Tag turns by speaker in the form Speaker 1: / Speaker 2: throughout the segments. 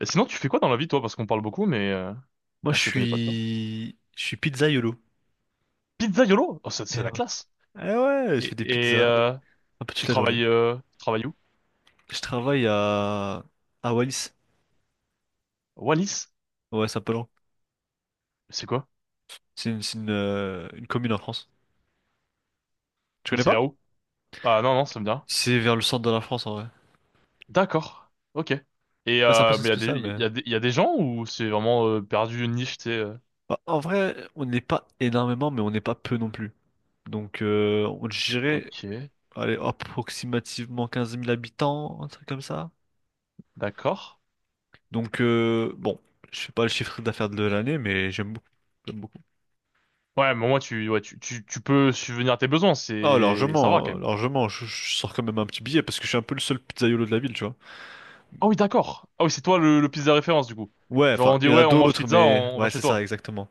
Speaker 1: Et sinon, tu fais quoi dans la vie, toi? Parce qu'on parle beaucoup, mais
Speaker 2: Moi,
Speaker 1: on
Speaker 2: je
Speaker 1: se connaît pas, tu vois.
Speaker 2: suis, je suis pizzaïolo.
Speaker 1: Pizzaiolo? Oh, c'est
Speaker 2: Eh
Speaker 1: la
Speaker 2: ouais.
Speaker 1: classe.
Speaker 2: Eh ouais, je
Speaker 1: Et,
Speaker 2: fais des
Speaker 1: et,
Speaker 2: pizzas
Speaker 1: euh,
Speaker 2: un peu toute la journée.
Speaker 1: tu travailles où?
Speaker 2: Je travaille à Wallis.
Speaker 1: Wallis?
Speaker 2: Ouais, Saint-Palan.
Speaker 1: C'est quoi?
Speaker 2: C'est une commune en France. Tu
Speaker 1: Mais
Speaker 2: connais
Speaker 1: c'est vers
Speaker 2: pas?
Speaker 1: où? Ah non, non, ça me dit rien.
Speaker 2: C'est vers le centre de la France en vrai.
Speaker 1: D'accord. Ok.
Speaker 2: Ouais, c'est un peu
Speaker 1: Mais
Speaker 2: spécial, mais.
Speaker 1: il y a des gens ou c'est vraiment perdu une niche, tu sais.
Speaker 2: Bah, en vrai, on n'est pas énormément, mais on n'est pas peu non plus. Donc, on dirait,
Speaker 1: Ok.
Speaker 2: allez, approximativement 15 000 habitants, un truc comme ça.
Speaker 1: D'accord.
Speaker 2: Donc, bon, je sais pas le chiffre d'affaires de l'année, mais j'aime beaucoup. J'aime beaucoup.
Speaker 1: Ouais, mais au moins tu, ouais, tu peux subvenir à tes besoins,
Speaker 2: Oh,
Speaker 1: ça va quand
Speaker 2: largement,
Speaker 1: même.
Speaker 2: largement. Je sors quand même un petit billet parce que je suis un peu le seul pizzaïolo de la ville, tu vois.
Speaker 1: Ah oui, d'accord. Ah oui, c'est toi le pizza référence du coup.
Speaker 2: Ouais,
Speaker 1: Genre
Speaker 2: enfin,
Speaker 1: on dit
Speaker 2: il y en a
Speaker 1: ouais, on mange
Speaker 2: d'autres,
Speaker 1: pizza,
Speaker 2: mais.
Speaker 1: on va
Speaker 2: Ouais,
Speaker 1: chez
Speaker 2: c'est ça,
Speaker 1: toi.
Speaker 2: exactement.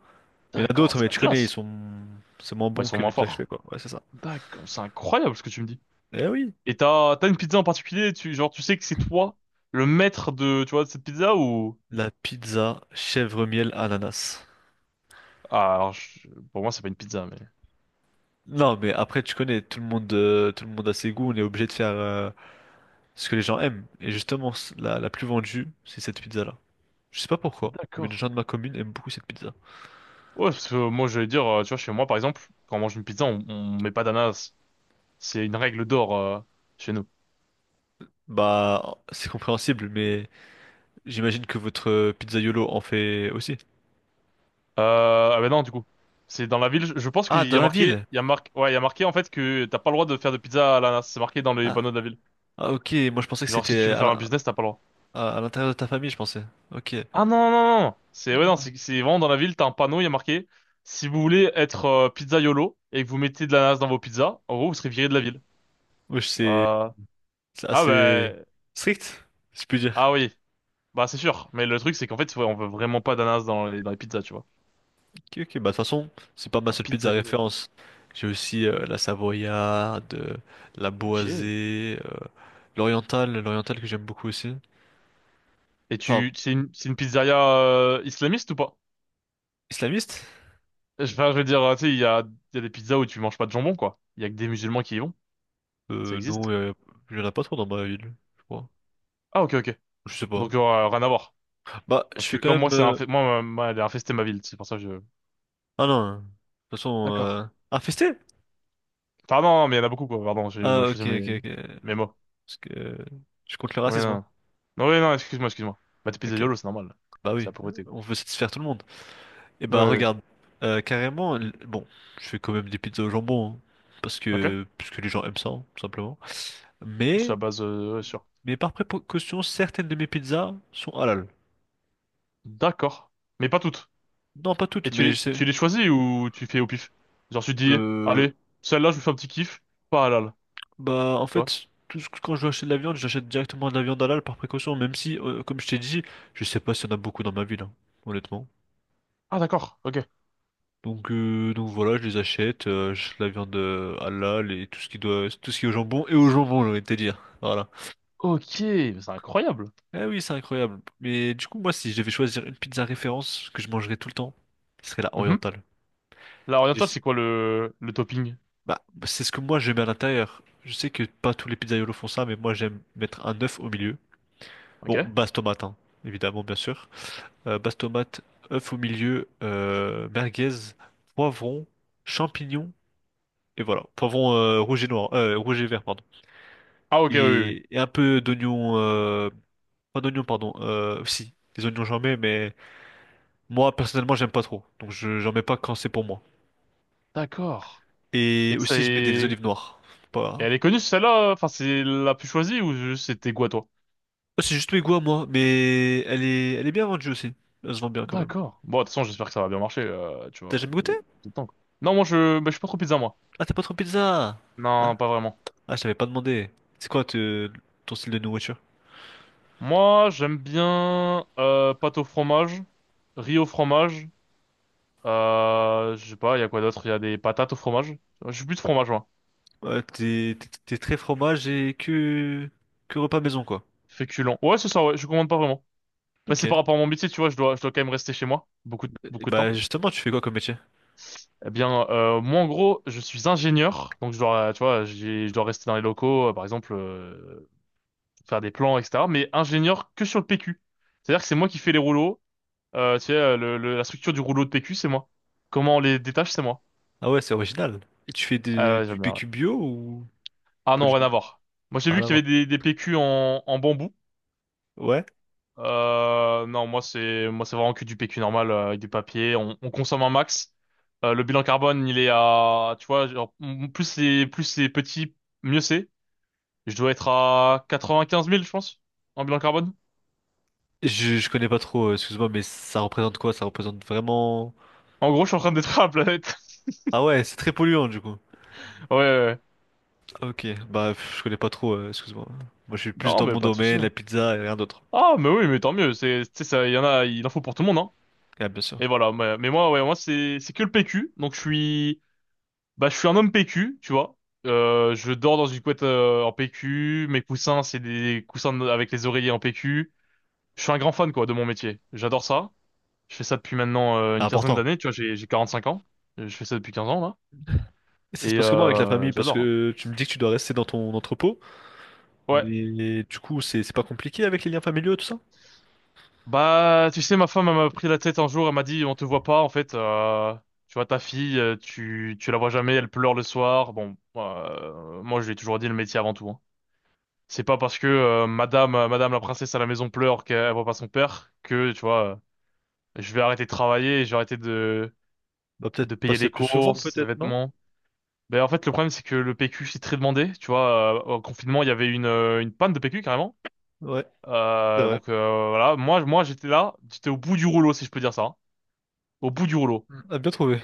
Speaker 2: Il y en a
Speaker 1: D'accord,
Speaker 2: d'autres,
Speaker 1: c'est
Speaker 2: mais
Speaker 1: la
Speaker 2: tu connais, ils
Speaker 1: classe.
Speaker 2: sont. C'est moins
Speaker 1: Bah, ils
Speaker 2: bon
Speaker 1: sont
Speaker 2: que
Speaker 1: moins
Speaker 2: les pizzas que je fais,
Speaker 1: forts.
Speaker 2: quoi. Ouais, c'est ça.
Speaker 1: D'accord, c'est incroyable ce que tu me dis.
Speaker 2: Eh oui.
Speaker 1: Et t'as une pizza en particulier, tu sais que c'est toi le maître de tu vois de cette pizza ou
Speaker 2: La pizza chèvre miel ananas.
Speaker 1: ah alors je- pour moi c'est pas une pizza mais
Speaker 2: Non, mais après, tu connais, tout le monde a ses goûts, on est obligé de faire ce que les gens aiment. Et justement, la plus vendue, c'est cette pizza-là. Je sais pas pourquoi, mais
Speaker 1: d'accord.
Speaker 2: les gens de ma commune aiment beaucoup cette pizza.
Speaker 1: Ouais parce que moi j'allais dire tu vois chez moi par exemple quand on mange une pizza on met pas d'ananas, c'est une règle d'or chez nous.
Speaker 2: Bah, c'est compréhensible, mais. J'imagine que votre pizzaiolo en fait aussi.
Speaker 1: Ah ben non du coup c'est dans la ville, je pense
Speaker 2: Ah,
Speaker 1: qu'il
Speaker 2: dans
Speaker 1: y a
Speaker 2: la
Speaker 1: marqué
Speaker 2: ville!
Speaker 1: il y a marqué en fait que t'as pas le droit de faire de pizza à l'ananas, c'est marqué dans les
Speaker 2: Ah,
Speaker 1: panneaux de la ville,
Speaker 2: ah, ok, moi je pensais que
Speaker 1: genre si tu
Speaker 2: c'était
Speaker 1: veux faire un business t'as pas le droit.
Speaker 2: à l'intérieur de ta famille, je pensais. Ok.
Speaker 1: Ah non, non, non, non. C'est ouais, non, c'est vraiment dans la ville, t'as un panneau, il y a marqué si vous voulez être pizzaiolo et que vous mettez de l'ananas dans vos pizzas, en gros, vous serez viré de la ville.
Speaker 2: Wesh, c'est
Speaker 1: Euh,
Speaker 2: c'est
Speaker 1: Ah
Speaker 2: assez
Speaker 1: ben
Speaker 2: strict, si je puis dire.
Speaker 1: ah oui, bah c'est sûr. Mais le truc c'est qu'en fait, ouais, on veut vraiment pas d'ananas dans les pizzas, tu vois.
Speaker 2: Ok, ok, bah de toute façon, c'est pas ma
Speaker 1: T'as un
Speaker 2: seule pizza
Speaker 1: pizzaiolo quoi.
Speaker 2: référence. J'ai aussi la savoyarde, la
Speaker 1: Ok. Et
Speaker 2: boisée, l'orientale que j'aime beaucoup aussi. Enfin,
Speaker 1: tu c'est une pizzeria islamiste ou pas?
Speaker 2: islamiste?
Speaker 1: Je veux dire, tu sais, il y a des pizzas où tu manges pas de jambon quoi. Il y a que des musulmans qui y vont. Ça
Speaker 2: Non,
Speaker 1: existe.
Speaker 2: il y en a pas trop dans ma ville, je crois.
Speaker 1: Ah ok, ok.
Speaker 2: Je sais pas.
Speaker 1: Donc rien à voir.
Speaker 2: Bah, je
Speaker 1: Parce que
Speaker 2: suis quand
Speaker 1: comme moi
Speaker 2: même.
Speaker 1: c'est infesté, moi elle est infestée ma ville, c'est pour ça que je
Speaker 2: Ah non, hein. de toute façon...
Speaker 1: D'accord.
Speaker 2: Euh... Ah,
Speaker 1: Enfin, non, non, mais il y en a beaucoup, quoi. Pardon, j'ai
Speaker 2: ah,
Speaker 1: mal
Speaker 2: ok,
Speaker 1: choisi
Speaker 2: ok, ok.
Speaker 1: mes mots.
Speaker 2: Parce que je suis contre le
Speaker 1: Oui,
Speaker 2: racisme, hein.
Speaker 1: non. Non, oui, non, excuse-moi, excuse-moi. Bah, t'es
Speaker 2: Ok,
Speaker 1: pizzaïolo, c'est normal.
Speaker 2: bah
Speaker 1: C'est
Speaker 2: oui,
Speaker 1: la pauvreté.
Speaker 2: on veut satisfaire tout le monde. Et
Speaker 1: Oui,
Speaker 2: bah
Speaker 1: oui, oui.
Speaker 2: regarde, carrément, bon, je fais quand même des pizzas au jambon, hein, parce
Speaker 1: Ok.
Speaker 2: que, parce que les gens aiment ça, hein, tout simplement.
Speaker 1: C'est la
Speaker 2: Mais,
Speaker 1: base, ouais, sûr.
Speaker 2: mais par précaution, certaines de mes pizzas sont halal.
Speaker 1: D'accord. Mais pas toutes.
Speaker 2: Non, pas
Speaker 1: Et
Speaker 2: toutes, mais je sais.
Speaker 1: tu les choisis ou tu fais au pif? Genre, tu te dis,
Speaker 2: Euh,
Speaker 1: allez, celle-là, je vous fais un petit kiff. Pas halal.
Speaker 2: bah en
Speaker 1: Tu vois?
Speaker 2: fait, quand je veux acheter de la viande, j'achète directement de la viande halal par précaution, même si, comme je t'ai dit, je sais pas s'il y en a beaucoup dans ma ville, hein, honnêtement.
Speaker 1: Ah, d'accord. Ok.
Speaker 2: Donc, voilà, j'achète la viande halal et tout ce qui est au jambon et au jambon, j'ai envie de te dire. Voilà.
Speaker 1: Ok. Mais c'est incroyable.
Speaker 2: Ah oui, c'est incroyable. Mais du coup, moi, si je devais choisir une pizza référence que je mangerais tout le temps, ce serait la
Speaker 1: Mhm.
Speaker 2: orientale.
Speaker 1: La
Speaker 2: Je
Speaker 1: orientale,
Speaker 2: sais-
Speaker 1: c'est quoi le topping?
Speaker 2: Bah, c'est ce que moi je mets à l'intérieur. Je sais que pas tous les pizzaiolos font ça, mais moi j'aime mettre un œuf au milieu. Bon,
Speaker 1: Ok.
Speaker 2: base tomate, hein, évidemment, bien sûr. Base tomate, œuf au milieu, merguez, poivron, champignons et voilà. Poivron rouge et noir, rouge et vert, pardon.
Speaker 1: Ah, ok, oui, oui, oui.
Speaker 2: Et un peu d'oignons, pas d'oignons, pardon, si, des oignons j'en mets, mais moi personnellement j'aime pas trop, donc j'en mets pas quand c'est pour moi.
Speaker 1: D'accord. Et
Speaker 2: Et aussi je mets des
Speaker 1: c'est,
Speaker 2: olives noires,
Speaker 1: et
Speaker 2: pas.
Speaker 1: elle est connue celle-là, enfin c'est la plus choisie ou juste c'était quoi toi?
Speaker 2: Oh, c'est juste mes goûts à moi, mais elle est bien vendue aussi, elle se vend bien quand même.
Speaker 1: D'accord. Bon, de toute façon, j'espère que ça va bien marcher, tu
Speaker 2: T'as
Speaker 1: vois,
Speaker 2: jamais goûté?
Speaker 1: tout le temps, quoi. Non, bah, je suis pas trop pizza moi.
Speaker 2: Ah t'es pas trop pizza! Ah,
Speaker 1: Non, pas vraiment.
Speaker 2: ah, je t'avais pas demandé, c'est quoi ton style de nourriture?
Speaker 1: Moi, j'aime bien pâte au fromage, riz au fromage. Je sais pas, il y a quoi d'autre? Il y a des patates au fromage. Je suis plus de fromage, moi.
Speaker 2: Ouais, t'es très fromage et que repas maison quoi.
Speaker 1: Féculent. Ouais, c'est ça, ouais, je commande pas vraiment. Bah,
Speaker 2: Ok.
Speaker 1: c'est par rapport à mon métier, tu vois, je dois quand même rester chez moi beaucoup,
Speaker 2: Et
Speaker 1: beaucoup de
Speaker 2: bah
Speaker 1: temps.
Speaker 2: justement tu fais quoi comme métier?
Speaker 1: Eh bien, moi, en gros, je suis ingénieur, donc je dois, tu vois, je dois rester dans les locaux, par exemple, faire des plans, etc. Mais ingénieur que sur le PQ. C'est-à-dire que c'est moi qui fais les rouleaux. Tu sais, la structure du rouleau de PQ, c'est moi. Comment on les détache, c'est moi.
Speaker 2: Ah ouais, c'est original. Et tu fais
Speaker 1: Ah ouais,
Speaker 2: du
Speaker 1: j'aime bien, ouais.
Speaker 2: PQ bio ou
Speaker 1: Ah
Speaker 2: pas
Speaker 1: non,
Speaker 2: du
Speaker 1: rien
Speaker 2: tout?
Speaker 1: à voir. Moi, j'ai vu
Speaker 2: Rien à
Speaker 1: qu'il y avait
Speaker 2: voir.
Speaker 1: des PQ en bambou.
Speaker 2: Ouais.
Speaker 1: Non, moi, c'est vraiment que du PQ normal, avec du papier. On consomme un max. Le bilan carbone, il est à, tu vois, genre, plus plus c'est petit, mieux c'est. Je dois être à 95 000, je pense, en bilan carbone.
Speaker 2: Je connais pas trop, excuse-moi, mais ça représente quoi? Ça représente vraiment.
Speaker 1: En gros, je suis en train de détruire la planète.
Speaker 2: Ah ouais, c'est très polluant du coup.
Speaker 1: Ouais, ouais, ouais.
Speaker 2: Ah, ok, bah pff, je connais pas trop, excuse-moi. Moi je suis plus
Speaker 1: Non,
Speaker 2: dans
Speaker 1: mais
Speaker 2: mon
Speaker 1: pas de souci,
Speaker 2: domaine, la
Speaker 1: hein.
Speaker 2: pizza et rien d'autre.
Speaker 1: Ah, mais oui, mais tant mieux. C'est, tu sais, ça, il y en a, il en faut pour tout le monde, hein.
Speaker 2: Ah bien sûr.
Speaker 1: Et voilà. Mais, moi, c'est que le PQ. Donc, je suis, bah, je suis un homme PQ, tu vois. Je dors dans une couette en PQ. Mes coussins, c'est des coussins avec les oreillers en PQ. Je suis un grand fan, quoi, de mon métier. J'adore ça. Je fais ça depuis maintenant
Speaker 2: C'est
Speaker 1: une 15aine
Speaker 2: important.
Speaker 1: d'années. Tu vois, j'ai 45 ans. Je fais ça depuis 15 ans, là.
Speaker 2: Et ça se
Speaker 1: Et
Speaker 2: passe comment avec la famille? Parce
Speaker 1: j'adore, hein.
Speaker 2: que tu me dis que tu dois rester dans ton entrepôt,
Speaker 1: Ouais.
Speaker 2: mais du coup c'est pas compliqué avec les liens familiaux tout ça?
Speaker 1: Bah, tu sais, ma femme, elle m'a pris la tête un jour, elle m'a dit, on te voit pas, en fait, tu vois, ta fille, tu la vois jamais, elle pleure le soir. Bon, moi, je lui ai toujours dit le métier avant tout, hein. C'est pas parce que madame la princesse à la maison pleure qu'elle voit pas son père que, tu vois, je vais arrêter de travailler, et je vais arrêter
Speaker 2: Bah peut-être
Speaker 1: de payer
Speaker 2: passer
Speaker 1: les
Speaker 2: plus souvent,
Speaker 1: courses, les
Speaker 2: peut-être, non?
Speaker 1: vêtements. Ben, en fait, le problème, c'est que le PQ, c'est très demandé, tu vois, au confinement, il y avait une panne de PQ, carrément.
Speaker 2: Ouais, c'est vrai.
Speaker 1: Donc, voilà, moi, j'étais là, j'étais au bout du rouleau, si je peux dire ça, hein. Au bout du rouleau.
Speaker 2: Mm. Ah, bien trouvé.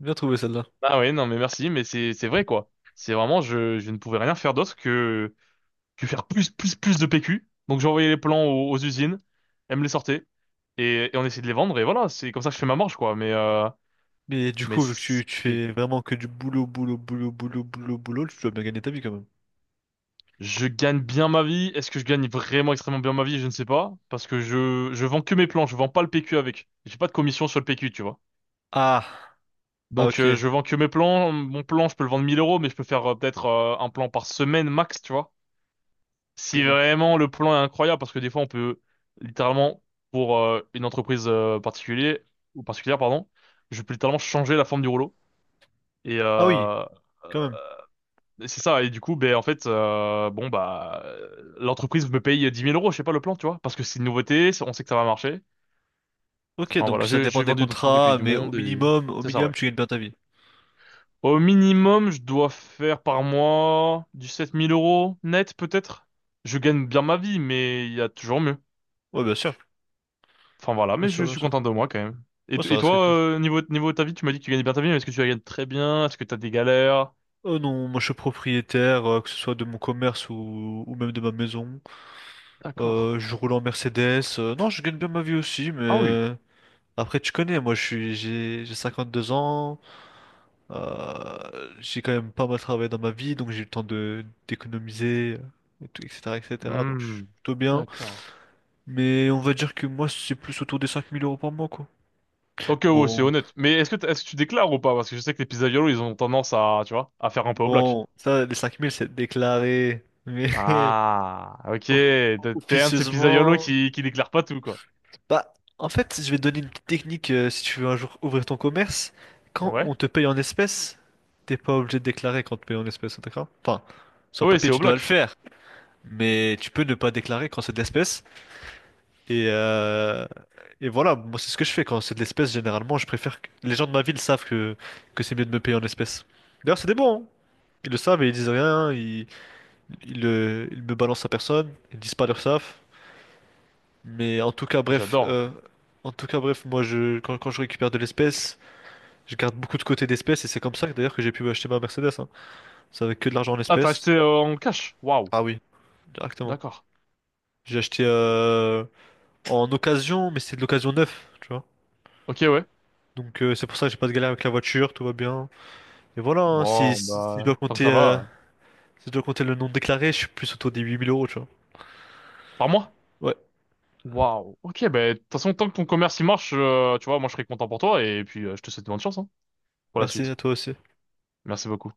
Speaker 2: Bien trouvé celle-là.
Speaker 1: Ah ouais, non, mais merci, mais c'est vrai quoi. C'est vraiment, je ne pouvais rien faire d'autre que faire plus plus de PQ. Donc j'envoyais les plans aux usines, elles me les sortaient et on essayait de les vendre et voilà, c'est comme ça que je fais ma marge quoi.
Speaker 2: Mais du
Speaker 1: Mais
Speaker 2: coup, vu
Speaker 1: c'est
Speaker 2: que tu,
Speaker 1: c'est
Speaker 2: tu
Speaker 1: compliqué.
Speaker 2: fais vraiment que du boulot, boulot, boulot, boulot, boulot, boulot, tu dois bien gagner ta vie quand même.
Speaker 1: Je gagne bien ma vie. Est-ce que je gagne vraiment extrêmement bien ma vie? Je ne sais pas parce que je vends que mes plans. Je vends pas le PQ avec. J'ai pas de commission sur le PQ, tu vois.
Speaker 2: Ah, ah
Speaker 1: Donc
Speaker 2: ok.
Speaker 1: je vends que mes plans. Mon plan, je peux le vendre 1 000 euros, mais je peux faire peut-être un plan par semaine max, tu vois. Si
Speaker 2: Ok.
Speaker 1: vraiment le plan est incroyable, parce que des fois on peut littéralement, pour une entreprise particulière, ou particulière, pardon, je peux littéralement changer la forme du rouleau. Et
Speaker 2: Ah oui, quand même.
Speaker 1: euh, c'est ça, et du coup, ben en fait, l'entreprise me paye 10 000 euros, je sais pas le plan, tu vois, parce que c'est une nouveauté, on sait que ça va marcher.
Speaker 2: Ok,
Speaker 1: Enfin
Speaker 2: donc
Speaker 1: voilà,
Speaker 2: ça dépend
Speaker 1: j'ai
Speaker 2: des
Speaker 1: vendu dans tous les pays
Speaker 2: contrats,
Speaker 1: du
Speaker 2: mais
Speaker 1: monde et
Speaker 2: au
Speaker 1: c'est ça,
Speaker 2: minimum,
Speaker 1: ouais.
Speaker 2: tu gagnes bien ta vie.
Speaker 1: Au minimum, je dois faire par mois du 7 000 euros net peut-être. Je gagne bien ma vie, mais il y a toujours mieux.
Speaker 2: Ouais, bien sûr,
Speaker 1: Enfin voilà,
Speaker 2: bien
Speaker 1: mais
Speaker 2: sûr,
Speaker 1: je
Speaker 2: bien
Speaker 1: suis
Speaker 2: sûr.
Speaker 1: content de moi quand même. Et,
Speaker 2: Ouais, ça
Speaker 1: et
Speaker 2: reste
Speaker 1: toi,
Speaker 2: quelque chose.
Speaker 1: niveau de ta vie, tu m'as dit que tu gagnais bien ta vie, mais est-ce que tu la gagnes très bien? Est-ce que t'as des galères?
Speaker 2: Oh non, moi je suis propriétaire, que ce soit de mon commerce ou même de ma maison.
Speaker 1: D'accord.
Speaker 2: Je roule en Mercedes. Non, je gagne bien ma vie aussi,
Speaker 1: Ah oui.
Speaker 2: mais. Après, tu connais, moi, j'ai 52 ans. J'ai quand même pas mal travaillé dans ma vie, donc j'ai eu le temps de d'économiser, et tout, etc., etc. Donc, je suis
Speaker 1: Hmm.
Speaker 2: plutôt bien.
Speaker 1: D'accord.
Speaker 2: Mais on va dire que moi, c'est plus autour des 5 000 euros par mois, quoi.
Speaker 1: Ok, ouais, c'est
Speaker 2: Bon,
Speaker 1: honnête. Mais est-ce que, est-ce que tu déclares ou pas? Parce que je sais que les pizzaiolos, ils ont tendance à, tu vois, à faire un peu au black.
Speaker 2: bon, ça, les 5 000 c'est déclaré. Mais
Speaker 1: Ah, ok.
Speaker 2: of-
Speaker 1: T'es un de ces pizzaiolos
Speaker 2: officieusement.
Speaker 1: qui déclare pas tout, quoi.
Speaker 2: Bah, en fait, je vais te donner une petite technique, si tu veux un jour ouvrir ton commerce. Quand
Speaker 1: Ouais.
Speaker 2: on te paye en espèces, t'es pas obligé de déclarer quand on te paye en espèces, d'accord? Enfin, sur le
Speaker 1: Oui,
Speaker 2: papier,
Speaker 1: c'est au
Speaker 2: tu dois le
Speaker 1: bloc.
Speaker 2: faire, mais tu peux ne pas déclarer quand c'est de l'espèce. Et, euh, et, voilà, moi, c'est ce que je fais quand c'est de l'espèce. Généralement, je préfère que les gens de ma ville savent que, c'est mieux de me payer en espèces. D'ailleurs, c'est des bons, hein. Ils le savent et ils disent rien, ils me balancent à personne, ils disent pas leur savent. Mais en tout cas, bref,
Speaker 1: J'adore.
Speaker 2: moi, quand je récupère de l'espèce, je garde beaucoup de côté d'espèces et c'est comme ça que d'ailleurs que j'ai pu acheter ma Mercedes. Hein. C'est avec que de l'argent en
Speaker 1: Ah, t'as acheté
Speaker 2: espèces.
Speaker 1: en cash? Waouh.
Speaker 2: Ah oui, directement.
Speaker 1: D'accord.
Speaker 2: J'ai acheté en occasion, mais c'est de l'occasion neuf, tu vois.
Speaker 1: Ok, ouais.
Speaker 2: Donc c'est pour ça que j'ai pas de galère avec la voiture, tout va bien. Et voilà, hein,
Speaker 1: Bon, bah, tant que ça va,
Speaker 2: si je dois compter le non déclaré, je suis plus autour des 8 000 euros, tu vois.
Speaker 1: par mois?
Speaker 2: Ouais,
Speaker 1: Waouh. Ok, ben, de toute façon, tant que ton commerce il marche, tu vois, moi je serai content pour toi et puis je te souhaite bonne chance hein, pour la
Speaker 2: merci à
Speaker 1: suite.
Speaker 2: toi aussi.
Speaker 1: Merci beaucoup.